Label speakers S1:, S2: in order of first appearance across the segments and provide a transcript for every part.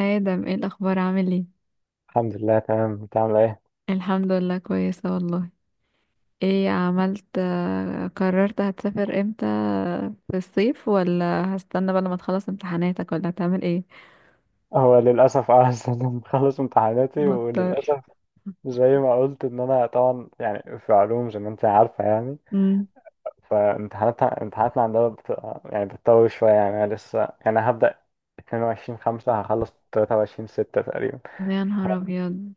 S1: آدم، ايه الأخبار؟ عامل ايه؟
S2: الحمد لله، تمام. انت عامل ايه؟
S1: الحمد لله، كويسة والله. ايه عملت؟ قررت، هتسافر امتى؟ في الصيف، ولا هستنى بقى لما تخلص امتحاناتك، ولا هتعمل ايه؟
S2: هو للاسف لسه انا مخلص امتحاناتي
S1: مضطر.
S2: وللاسف. زي ما قلت ان انا طبعا يعني في علوم، زي ما انت عارفه يعني،
S1: امم.
S2: فامتحاناتها امتحاناتنا عندنا يعني بتطول شويه يعني. انا لسه يعني هبدا 22 5 هخلص 23 6 تقريبا.
S1: يا
S2: ف-
S1: نهار ابيض!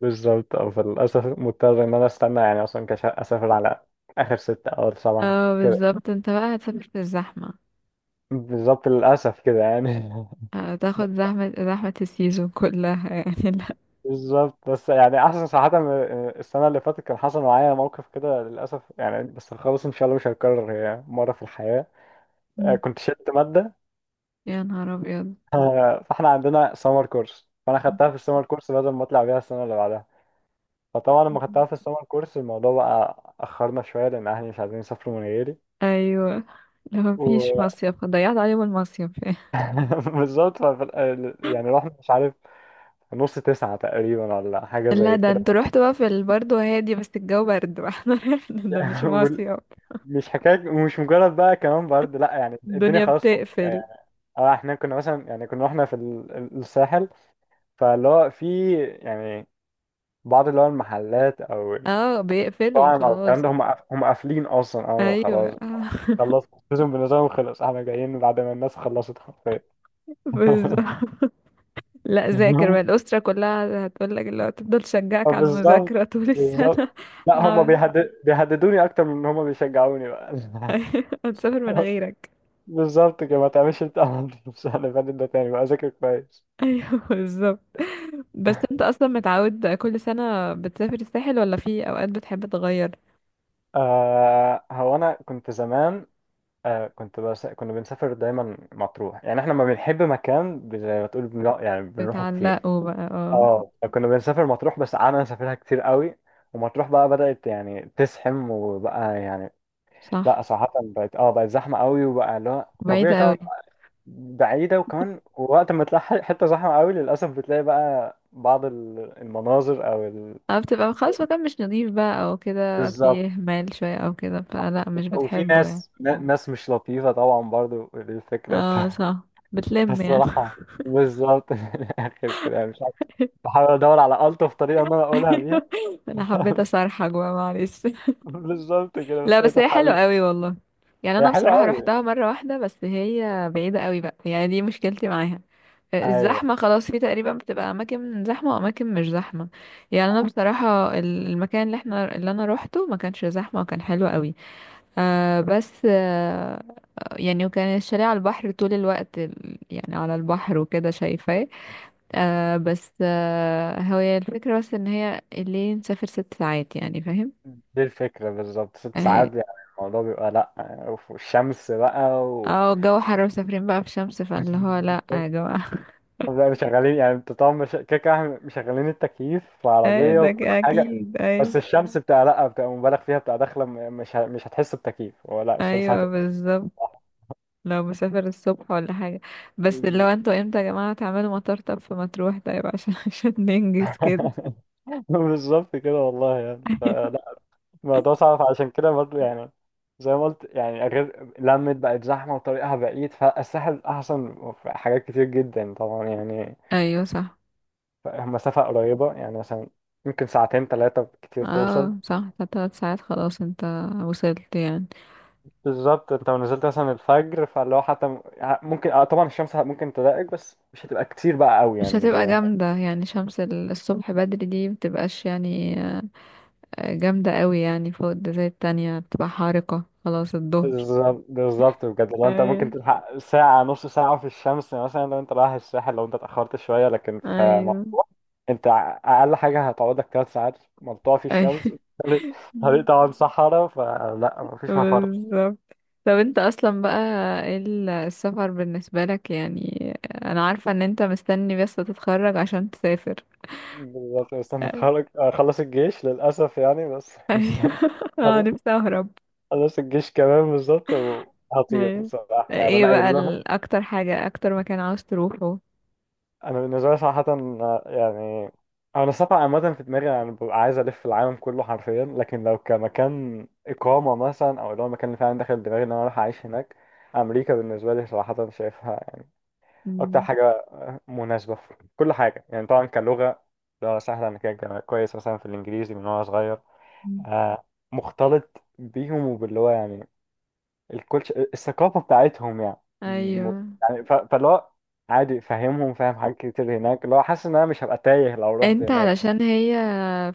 S2: بالظبط اه. فللاسف مضطر ان انا استنى يعني، اصلا كش اسافر على اخر 6 او 7
S1: اه
S2: كده.
S1: بالظبط، انت بقى هتسافر في الزحمة.
S2: بالظبط، للاسف كده يعني.
S1: هتاخد زحمة، زحمة السيزون كلها. يعني لا.
S2: بالظبط، بس يعني احسن صراحة السنة اللي فاتت كان حصل معايا موقف كده للأسف يعني، بس خلاص ان شاء الله مش هيتكرر، هي مرة في الحياة. آه,
S1: مم.
S2: كنت شلت مادة.
S1: يا نهار ابيض.
S2: آه, فاحنا عندنا سمر كورس، فانا خدتها في السمر كورس بدل ما اطلع بيها السنة اللي بعدها. فطبعا لما
S1: مم.
S2: خدتها في السمر كورس الموضوع بقى اخرنا شوية، لان اهلي مش عايزين يسافروا من غيري.
S1: ايوه. لو مفيش
S2: و
S1: مصيف، ضيعت عليهم المصيف.
S2: بالظبط. يعني رحنا مش عارف، نص تسعة تقريبا ولا حاجة
S1: لا،
S2: زي
S1: ده
S2: كده.
S1: انتوا رحتوا بقى في برضه هادي، بس الجو برد بقى. احنا رحنا ده مش مصيف.
S2: مش حكاية ومش مجرد بقى كمان برضه، لا يعني الدنيا
S1: الدنيا
S2: خلاص فاضية يعني.
S1: بتقفل.
S2: اه احنا كنا مثلا يعني، كنا احنا في الساحل، فاللي هو في يعني بعض اللي هو المحلات او
S1: اه، بيقفلوا
S2: المطاعم او الكلام
S1: خلاص.
S2: ده، هم هم قافلين اصلا، اه
S1: ايوه.
S2: خلاص. خلاص السيزون بالنسبة لهم خلص، احنا جايين بعد ما الناس خلصت حرفيا.
S1: بالظبط. لا
S2: هم،
S1: ذاكر بقى، الاسره كلها هتقول لك اللي هو تفضل،
S2: آه
S1: تشجعك على المذاكره
S2: بالظبط.
S1: طول السنه.
S2: بالظبط. لا هم
S1: لا.
S2: بيهددوني اكتر من ان هم بيشجعوني بقى.
S1: أيوة، هتسافر من غيرك.
S2: بالظبط كده، ما تعملش انت عملت في السنة اللي فاتت ده تاني بقى، ذاكر كويس.
S1: ايوه بالظبط. بس انت اصلا متعود كل سنه بتسافر الساحل، ولا في اوقات بتحب تغير؟
S2: آه، هو انا كنت زمان، آه كنت، بس كنا بنسافر دايما مطروح يعني. احنا لما بنحب مكان، زي ما تقول بنروح يعني، بنروحه كتير.
S1: بتعلقوا بقى، اه.
S2: اه كنا بنسافر مطروح، بس قعدنا نسافرها كتير قوي، ومطروح بقى بدأت يعني تزحم وبقى يعني، لا
S1: صح.
S2: صراحة بقت، اه بقت زحمة قوي، وبقى لا طبيعي
S1: بعيدة
S2: طبعا.
S1: قوي.
S2: بعيدة وكمان، وقت ما تلاقي حتة زحمة قوي للأسف، بتلاقي بقى بعض المناظر أو ال...
S1: اه، بتبقى خلاص مكان مش نضيف بقى، او كده
S2: بالظبط.
S1: فيه مال شوية او كده، فلا مش
S2: وفي
S1: بتحبه يعني.
S2: ناس ناس مش لطيفة طبعا برضو، الفكرة.
S1: اه صح. بتلم يعني.
S2: الصراحة، بالظبط من الآخر كده مش عارف، بحاول أدور على ألطف طريقة إن أنا أقولها بيها.
S1: ايوه. انا حبيت اصرحك بقى، معلش.
S2: بالظبط كده،
S1: لا،
S2: بس هي
S1: بس
S2: دي
S1: هي حلوة
S2: الحقيقة.
S1: قوي والله. يعني
S2: هي
S1: انا
S2: حلوة
S1: بصراحة
S2: أوي.
S1: روحتها مرة واحدة، بس هي بعيدة قوي بقى يعني، دي مشكلتي معاها.
S2: أيوه،
S1: الزحمة خلاص، في تقريبا بتبقى أماكن زحمة وأماكن مش زحمة. يعني أنا بصراحة المكان اللي احنا اللي أنا روحته ما كانش زحمة، وكان حلو قوي. آه، بس آه، يعني وكان الشاليه على البحر طول الوقت، يعني على البحر وكده، شايفاه. آه، بس آه، هي الفكرة، بس ان هي الليل مسافر 6 ساعات، يعني فاهم.
S2: دي الفكرة بالظبط، ست
S1: اه.
S2: ساعات يعني. الموضوع بيبقى لأ، وفي الشمس بقى و
S1: آه، الجو حر ومسافرين بقى في شمس، فاللي هو لا يا جماعة.
S2: لا مشغلين يعني، انت طبعا مش... كده كده احنا مشغلين التكييف في
S1: ايه
S2: العربية
S1: ده،
S2: وكل حاجة.
S1: اكيد ايوه.
S2: بس الشمس بتبقى لأ، بتبقى مبالغ فيها، بتبقى داخلة مش ه... مش هتحس بتكييف، ولا الشمس
S1: ايوه
S2: هتبقى.
S1: بالظبط. لو مسافر الصبح ولا حاجة. بس اللي هو انتوا امتى يا جماعة تعملوا مطار طب في مطروح، طيب؟ عشان عشان ننجز كده.
S2: بالظبط كده والله يعني. الموضوع صعب عشان كده برضه يعني. زي ما قلت يعني، غير لمت بقت زحمة وطريقها بعيد، فالساحل أحسن في حاجات كتير جدا طبعا يعني.
S1: ايوه صح.
S2: مسافة قريبة يعني مثلا، ممكن ساعتين تلاتة كتير توصل.
S1: اه صح، فتلات ساعات خلاص انت وصلت يعني.
S2: بالظبط، انت لو نزلت مثلا الفجر، فاللي هو حتى ممكن، اه طبعا الشمس ممكن تضايقك، بس مش هتبقى كتير بقى قوي
S1: مش
S2: يعني، مش
S1: هتبقى
S2: زي.
S1: جامدة، يعني شمس الصبح بدري دي مبتبقاش يعني جامدة قوي، يعني فوق ده زي التانية بتبقى حارقة خلاص الظهر.
S2: بالظبط بالظبط بجد، لو انت ممكن
S1: ايوه.
S2: تلحق ساعة نص ساعة في الشمس مثلا لو انت رايح الساحل، لو انت اتأخرت شوية، لكن في
S1: ايوه.
S2: مطروح انت أقل حاجة هتقعدك تلات ساعات مقطوع في
S1: ايوه.
S2: الشمس. طريق، طريق طبعا صحراء، فلا مفيش مفر.
S1: بالظبط. طب انت اصلا بقى، ايه السفر بالنسبة لك يعني؟ انا عارفة ان انت مستني بس تتخرج عشان تسافر.
S2: بالظبط، مستني
S1: ايوه.
S2: اتخرج اخلص الجيش للأسف يعني بس.
S1: أيوة.
S2: مستني
S1: اه، نفسي اهرب.
S2: اخلص الجيش كمان، بالظبط، وهطير
S1: ايوه.
S2: صراحة يعني،
S1: ايه
S2: انا قايل
S1: بقى
S2: لهم.
S1: اكتر حاجة، اكتر مكان عاوز تروحه؟
S2: انا بالنسبه لي صراحه يعني، انا السفر عامه في دماغي يعني، ببقى عايز الف العالم كله حرفيا، لكن لو كمكان اقامه مثلا، او اللي هو المكان اللي فعلا داخل دماغي ان انا اروح اعيش هناك، امريكا بالنسبه لي صراحه شايفها اكتر
S1: مم.
S2: حاجه مناسبه في كل حاجه يعني. طبعا كلغه، لغه سهله، انا كده كويس مثلا في الانجليزي من وانا صغير.
S1: مم.
S2: آه, مختلط بيهم وباللي هو يعني الكلتش، الثقافة بتاعتهم يعني. م-
S1: ايوه.
S2: يعني ف... فاللي هو عادي فاهمهم، فاهم حاجات كتير هناك، اللي هو حاسس ان انا مش هبقى تايه لو رحت
S1: انت
S2: هناك.
S1: علشان هي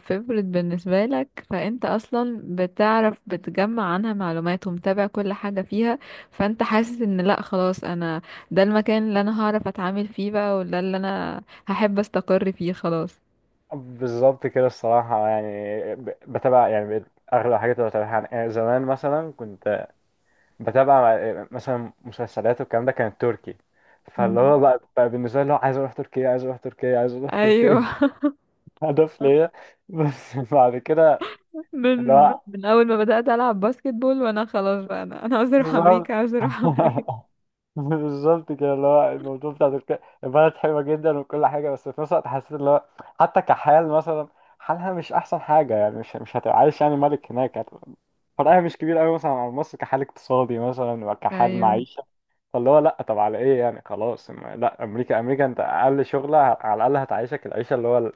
S1: فيفورت بالنسبة لك، فانت اصلا بتعرف، بتجمع عنها معلومات ومتابع كل حاجة فيها، فانت حاسس ان لا خلاص، انا ده المكان اللي انا هعرف اتعامل فيه بقى، وده اللي انا هحب استقر فيه خلاص.
S2: بالظبط كده الصراحة يعني. بتابع يعني، بقيت اغلب الحاجات اللي بتابعها يعني آه, زمان مثلا كنت بتابع آه, مثلا مسلسلات والكلام ده كان تركي. فاللي هو
S1: مم.
S2: بقى بالنسبة لي اللي هو عايز اروح تركيا، عايز اروح تركيا، عايز اروح تركيا.
S1: ايوه.
S2: هدف ليا. بس بعد كده اللي
S1: من
S2: هو،
S1: من اول ما بدأت العب باسكت بول وانا خلاص بقى، انا عاوز اروح
S2: بالظبط.
S1: امريكا، عاوز اروح امريكا.
S2: بالظبط كده، اللي هو الموضوع بتاع تركيا، البلد حلوه جدا وكل حاجه، بس في نفس الوقت حسيت اللي هو حتى كحال مثلا، حالها مش احسن حاجه يعني، مش هتبقى عايش يعني ملك هناك، هتبقى- فرقها مش كبير قوي مثلا عن مصر، كحال اقتصادي مثلا وكحال
S1: ايوه.
S2: معيشه. فاللي هو لا، طب على ايه يعني؟ خلاص لا امريكا، امريكا انت اقل شغله على الاقل هتعيشك العيشه اللي هو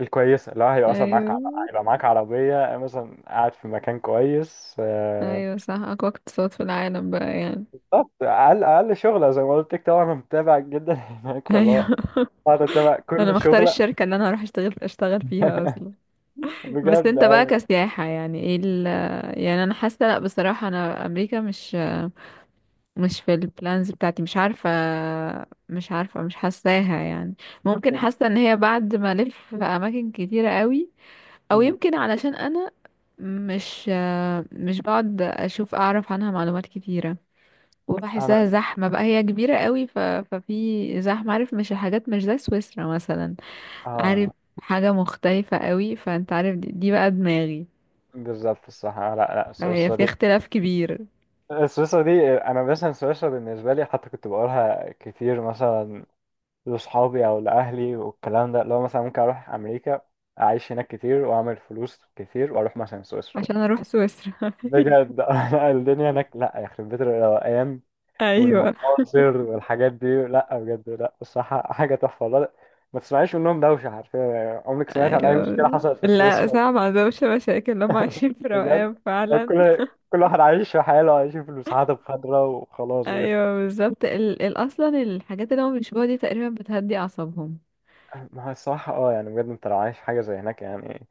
S2: الكويسه، اللي هو هيبقى مثلا معاك
S1: ايوه.
S2: هيبقى معاك عربيه مثلا، قاعد في مكان كويس آه.
S1: ايوه صح، اقوى اقتصاد في العالم بقى يعني.
S2: بالظبط، اقل شغله زي ما قلت لك، طبعا انا متابع جدا هناك
S1: ايوه.
S2: والله، قاعد اتابع
S1: انا
S2: كل
S1: مختار
S2: شغله.
S1: الشركه اللي انا هروح اشتغل فيها اصلا. بس
S2: بجد
S1: انت بقى
S2: ايوه.
S1: كسياحه، يعني ايه ال؟ يعني انا حاسه لا، بصراحه انا امريكا مش في البلانز بتاعتي، مش عارفه، مش عارفه، مش حاساها يعني. ممكن حاسه ان هي بعد ما الف في اماكن كتيره قوي، او
S2: أمم.
S1: يمكن علشان انا مش مش بقعد اشوف اعرف عنها معلومات كتيره،
S2: انا،
S1: وبحسها زحمة بقى، هي كبيرة قوي ففي زحمة، عارف؟ مش حاجات مش زي سويسرا مثلا، عارف؟
S2: اه
S1: حاجة مختلفة قوي، فانت عارف دي بقى دماغي.
S2: بالظبط الصح آه, لا لا
S1: فهي
S2: سويسرا
S1: في
S2: دي،
S1: اختلاف كبير.
S2: سويسرا دي، انا مثلا سويسرا بالنسبه لي حتى كنت بقولها كتير مثلا لاصحابي او لاهلي والكلام ده، لو مثلا ممكن اروح امريكا اعيش هناك كتير واعمل فلوس كتير واروح مثلا سويسرا بقى.
S1: عشان اروح سويسرا.
S2: بجد لا، الدنيا هناك لا، يخرب بيت الروقان
S1: ايوه.
S2: والمناظر والحاجات دي، لا بجد لا الصراحة حاجة تحفة والله. ما تسمعيش منهم دوشة حرفيا يعني، عمرك سمعت عن أي مشكلة
S1: ايوه.
S2: حصلت في
S1: لا
S2: سويسرا؟
S1: صعب، ما عندهمش مشاكل، هم عايشين في
S2: بجد،
S1: روقان فعلا.
S2: كل كل واحد عايش في حاله، عايش في المساحات الخضراء وخلاص بجد.
S1: ايوه بالظبط، اصلا الحاجات اللي هم بيشبهوها دي تقريبا بتهدي اعصابهم.
S2: ما هو الصراحة اه يعني بجد، انت لو عايش حاجة زي هناك يعني،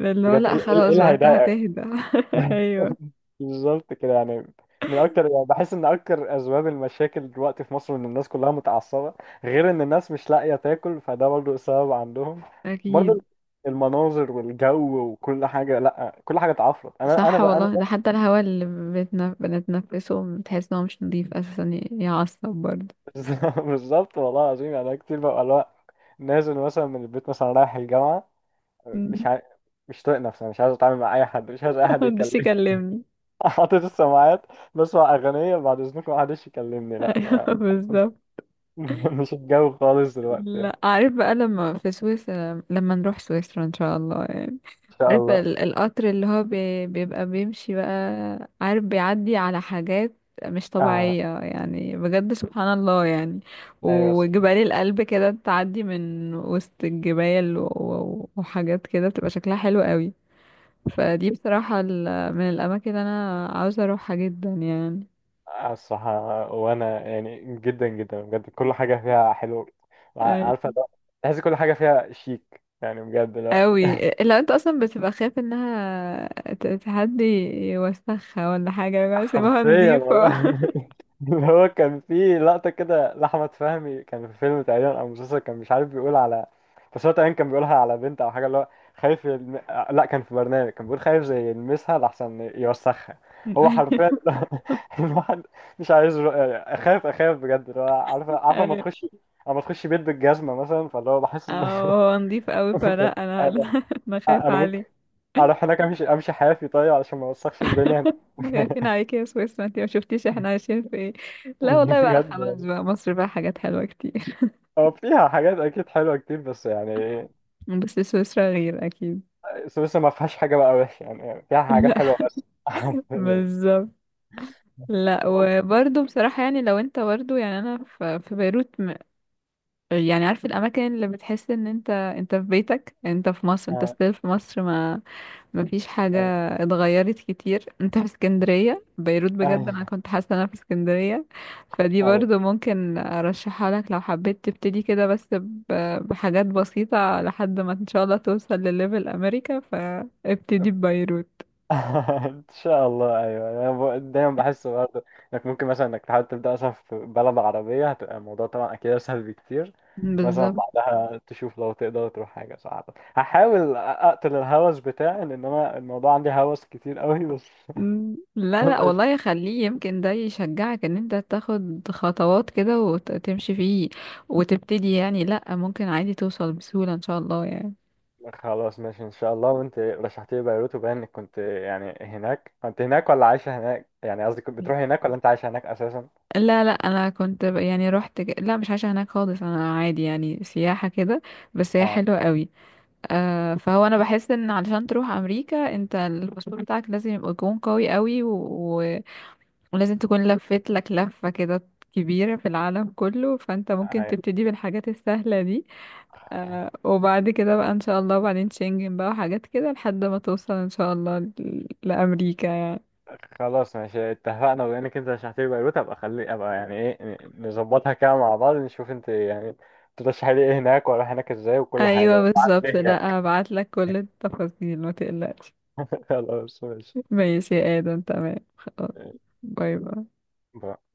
S1: اللي هو
S2: بجد
S1: لا
S2: ايه إيه
S1: خلاص
S2: اللي
S1: بقى، انت
S2: هيضايقك؟
S1: هتهدى. ايوه،
S2: بالظبط كده يعني. من اكتر يعني، بحس ان اكتر اسباب المشاكل دلوقتي في مصر ان الناس كلها متعصبه، غير ان الناس مش لاقيه تاكل فده برضو سبب عندهم، برضو
S1: اكيد.
S2: المناظر والجو وكل حاجه، لا كل حاجه اتعفرت انا انا
S1: صح
S2: بقى انا
S1: والله، ده حتى الهواء اللي بنتنفسه، بتحس ان هو مش نضيف اساسا، يعصب برضه.
S2: بالظبط والله العظيم يعني. أنا كتير ببقى اللي هو نازل مثلا من البيت مثلا رايح الجامعه، مش
S1: مم.
S2: عاي... مش طايق نفسي، مش عايز اتعامل مع اي حد، مش عايز اي حد
S1: محدش
S2: يكلمني.
S1: يكلمني.
S2: حاطط السماعات، بسمع اغنيه، بعد اذنكم ما حدش يكلمني، لا ما.
S1: ايوه بالظبط.
S2: مش الجو خالص دلوقتي يعني.
S1: لا عارف بقى لما في سويسرا، لما نروح سويسرا ان شاء الله يعني،
S2: ان شاء
S1: عارف
S2: الله.
S1: القطر اللي هو بيبقى بيمشي بقى، عارف بيعدي على حاجات مش
S2: آه.
S1: طبيعية يعني، بجد سبحان الله يعني.
S2: ايوه.
S1: وجبال القلب كده، تعدي من وسط الجبال وحاجات كده بتبقى شكلها حلو قوي. فدي بصراحة من الأماكن اللي أنا عاوزة أروحها جدا يعني.
S2: آه, الصراحه، وانا يعني جدا جدا بجد كل حاجه فيها حلو.
S1: أي.
S2: عارفه لو، تحس كل حاجه فيها شيك يعني بجد لا.
S1: أوي. لو أنت أصلا بتبقى خايف إنها تهدي، يوسخها ولا حاجة، بقى سيبها
S2: حرفيا
S1: نضيفة.
S2: والله. اللي هو كان في لقطة كده لأحمد فهمي، كان في فيلم تقريبا أو مسلسل، كان مش عارف بيقول على، بس هو تقريبا كان بيقولها على بنت أو حاجة اللي هو خايف يلم... آه, لأ كان في برنامج كان بيقول خايف زي يلمسها لأحسن يوسخها. هو حرفيا. الواحد مش عايز رو... يعني أخاف، أخاف بجد، اللي هو عارفة عارفة أما
S1: أي.
S2: تخش، أما تخش بيت بالجزمة مثلا، فاللي هو بحس
S1: أو
S2: إن.
S1: هو نضيف أوي، فلا أنا
S2: أنا،
S1: لا، أنا خايفة
S2: أنا ممكن
S1: عليه.
S2: أروح هناك أمشي، أمشي حافي طيب علشان ما أوسخش الدنيا
S1: احنا خايفين
S2: هناك.
S1: عليكي يا سويسرا، انتي ما شفتيش احنا عايشين في ايه. لا والله، بقى خلاص
S2: بجد.
S1: بقى مصر بقى، حاجات حلوة كتير.
S2: هو فيها حاجات اكيد حلوه كتير بس يعني،
S1: بس سويسرا غير أكيد.
S2: سويسرا ما فيهاش حاجه بقى وحشه يعني، فيها حاجات
S1: لا
S2: حلوه بس يعني.
S1: بالظبط. لا
S2: والله.
S1: وبرضه بصراحة يعني، لو انت برضه، يعني انا في بيروت يعني عارف الاماكن اللي بتحس ان انت في بيتك، انت في مصر، انت
S2: آه,
S1: ستيل في مصر، ما فيش حاجة
S2: ايوه.
S1: اتغيرت كتير، انت في اسكندرية بيروت، بجد
S2: ايوه.
S1: انا كنت حاسة ان انا في اسكندرية. فدي
S2: أيوة.
S1: برضه ممكن ارشحها لك لو حبيت تبتدي كده، بس بحاجات بسيطة لحد ما ان شاء الله توصل لليفل امريكا، فابتدي ببيروت.
S2: ان شاء الله ايوه انا، دايما بحس برضه انك ممكن مثلا انك تحاول تبدا مثلا في بلد عربيه، هتبقى الموضوع طبعا اكيد اسهل بكتير. مثلا
S1: بالظبط.
S2: بعدها تشوف لو تقدر تروح حاجه صعبه، هحاول اقتل الهوس بتاعي لان انا الموضوع عندي هوس كتير قوي بس.
S1: مم. لا لا والله يخليه، يمكن ده يشجعك ان انت تاخد خطوات كده وتمشي فيه وتبتدي يعني، لا ممكن عادي توصل بسهولة ان شاء الله يعني.
S2: خلاص ماشي ان شاء الله. وانت رشحت لي بيروت، وباين انك كنت يعني هناك، كنت هناك ولا عايشه هناك؟ يعني قصدي، كنت بتروح هناك ولا انت عايشه هناك اساسا؟
S1: لا لا، انا كنت يعني رحت، لا مش عايشة هناك خالص انا، عادي يعني سياحة كده. بس هي
S2: آه.
S1: حلوة قوي. آه فهو، انا بحس ان علشان تروح امريكا انت، الباسبور بتاعك لازم يبقى يكون قوي قوي، و... ولازم تكون لفت لك لفة كده كبيرة في العالم كله، فانت
S2: آه.
S1: ممكن
S2: يعني
S1: تبتدي بالحاجات السهلة دي. آه وبعد كده بقى ان شاء الله، وبعدين شنجن بقى وحاجات كده، لحد ما توصل ان شاء الله لامريكا يعني.
S2: خلاص ماشي، اتفقنا. بما انك انت رشحت لي بيروت، ابقى خلي ابقى يعني ايه، نظبطها كده مع بعض، نشوف انت يعني ترشحي لي ايه هناك، واروح هناك ازاي وكل حاجه
S1: ايوه
S2: بقى.
S1: بالظبط،
S2: ليه هناك.
S1: لا هبعت لك كل التفاصيل ما تقلقش.
S2: خلاص ماشي.
S1: ماشي يا ادم، تمام خلاص. باي باي.
S2: باي.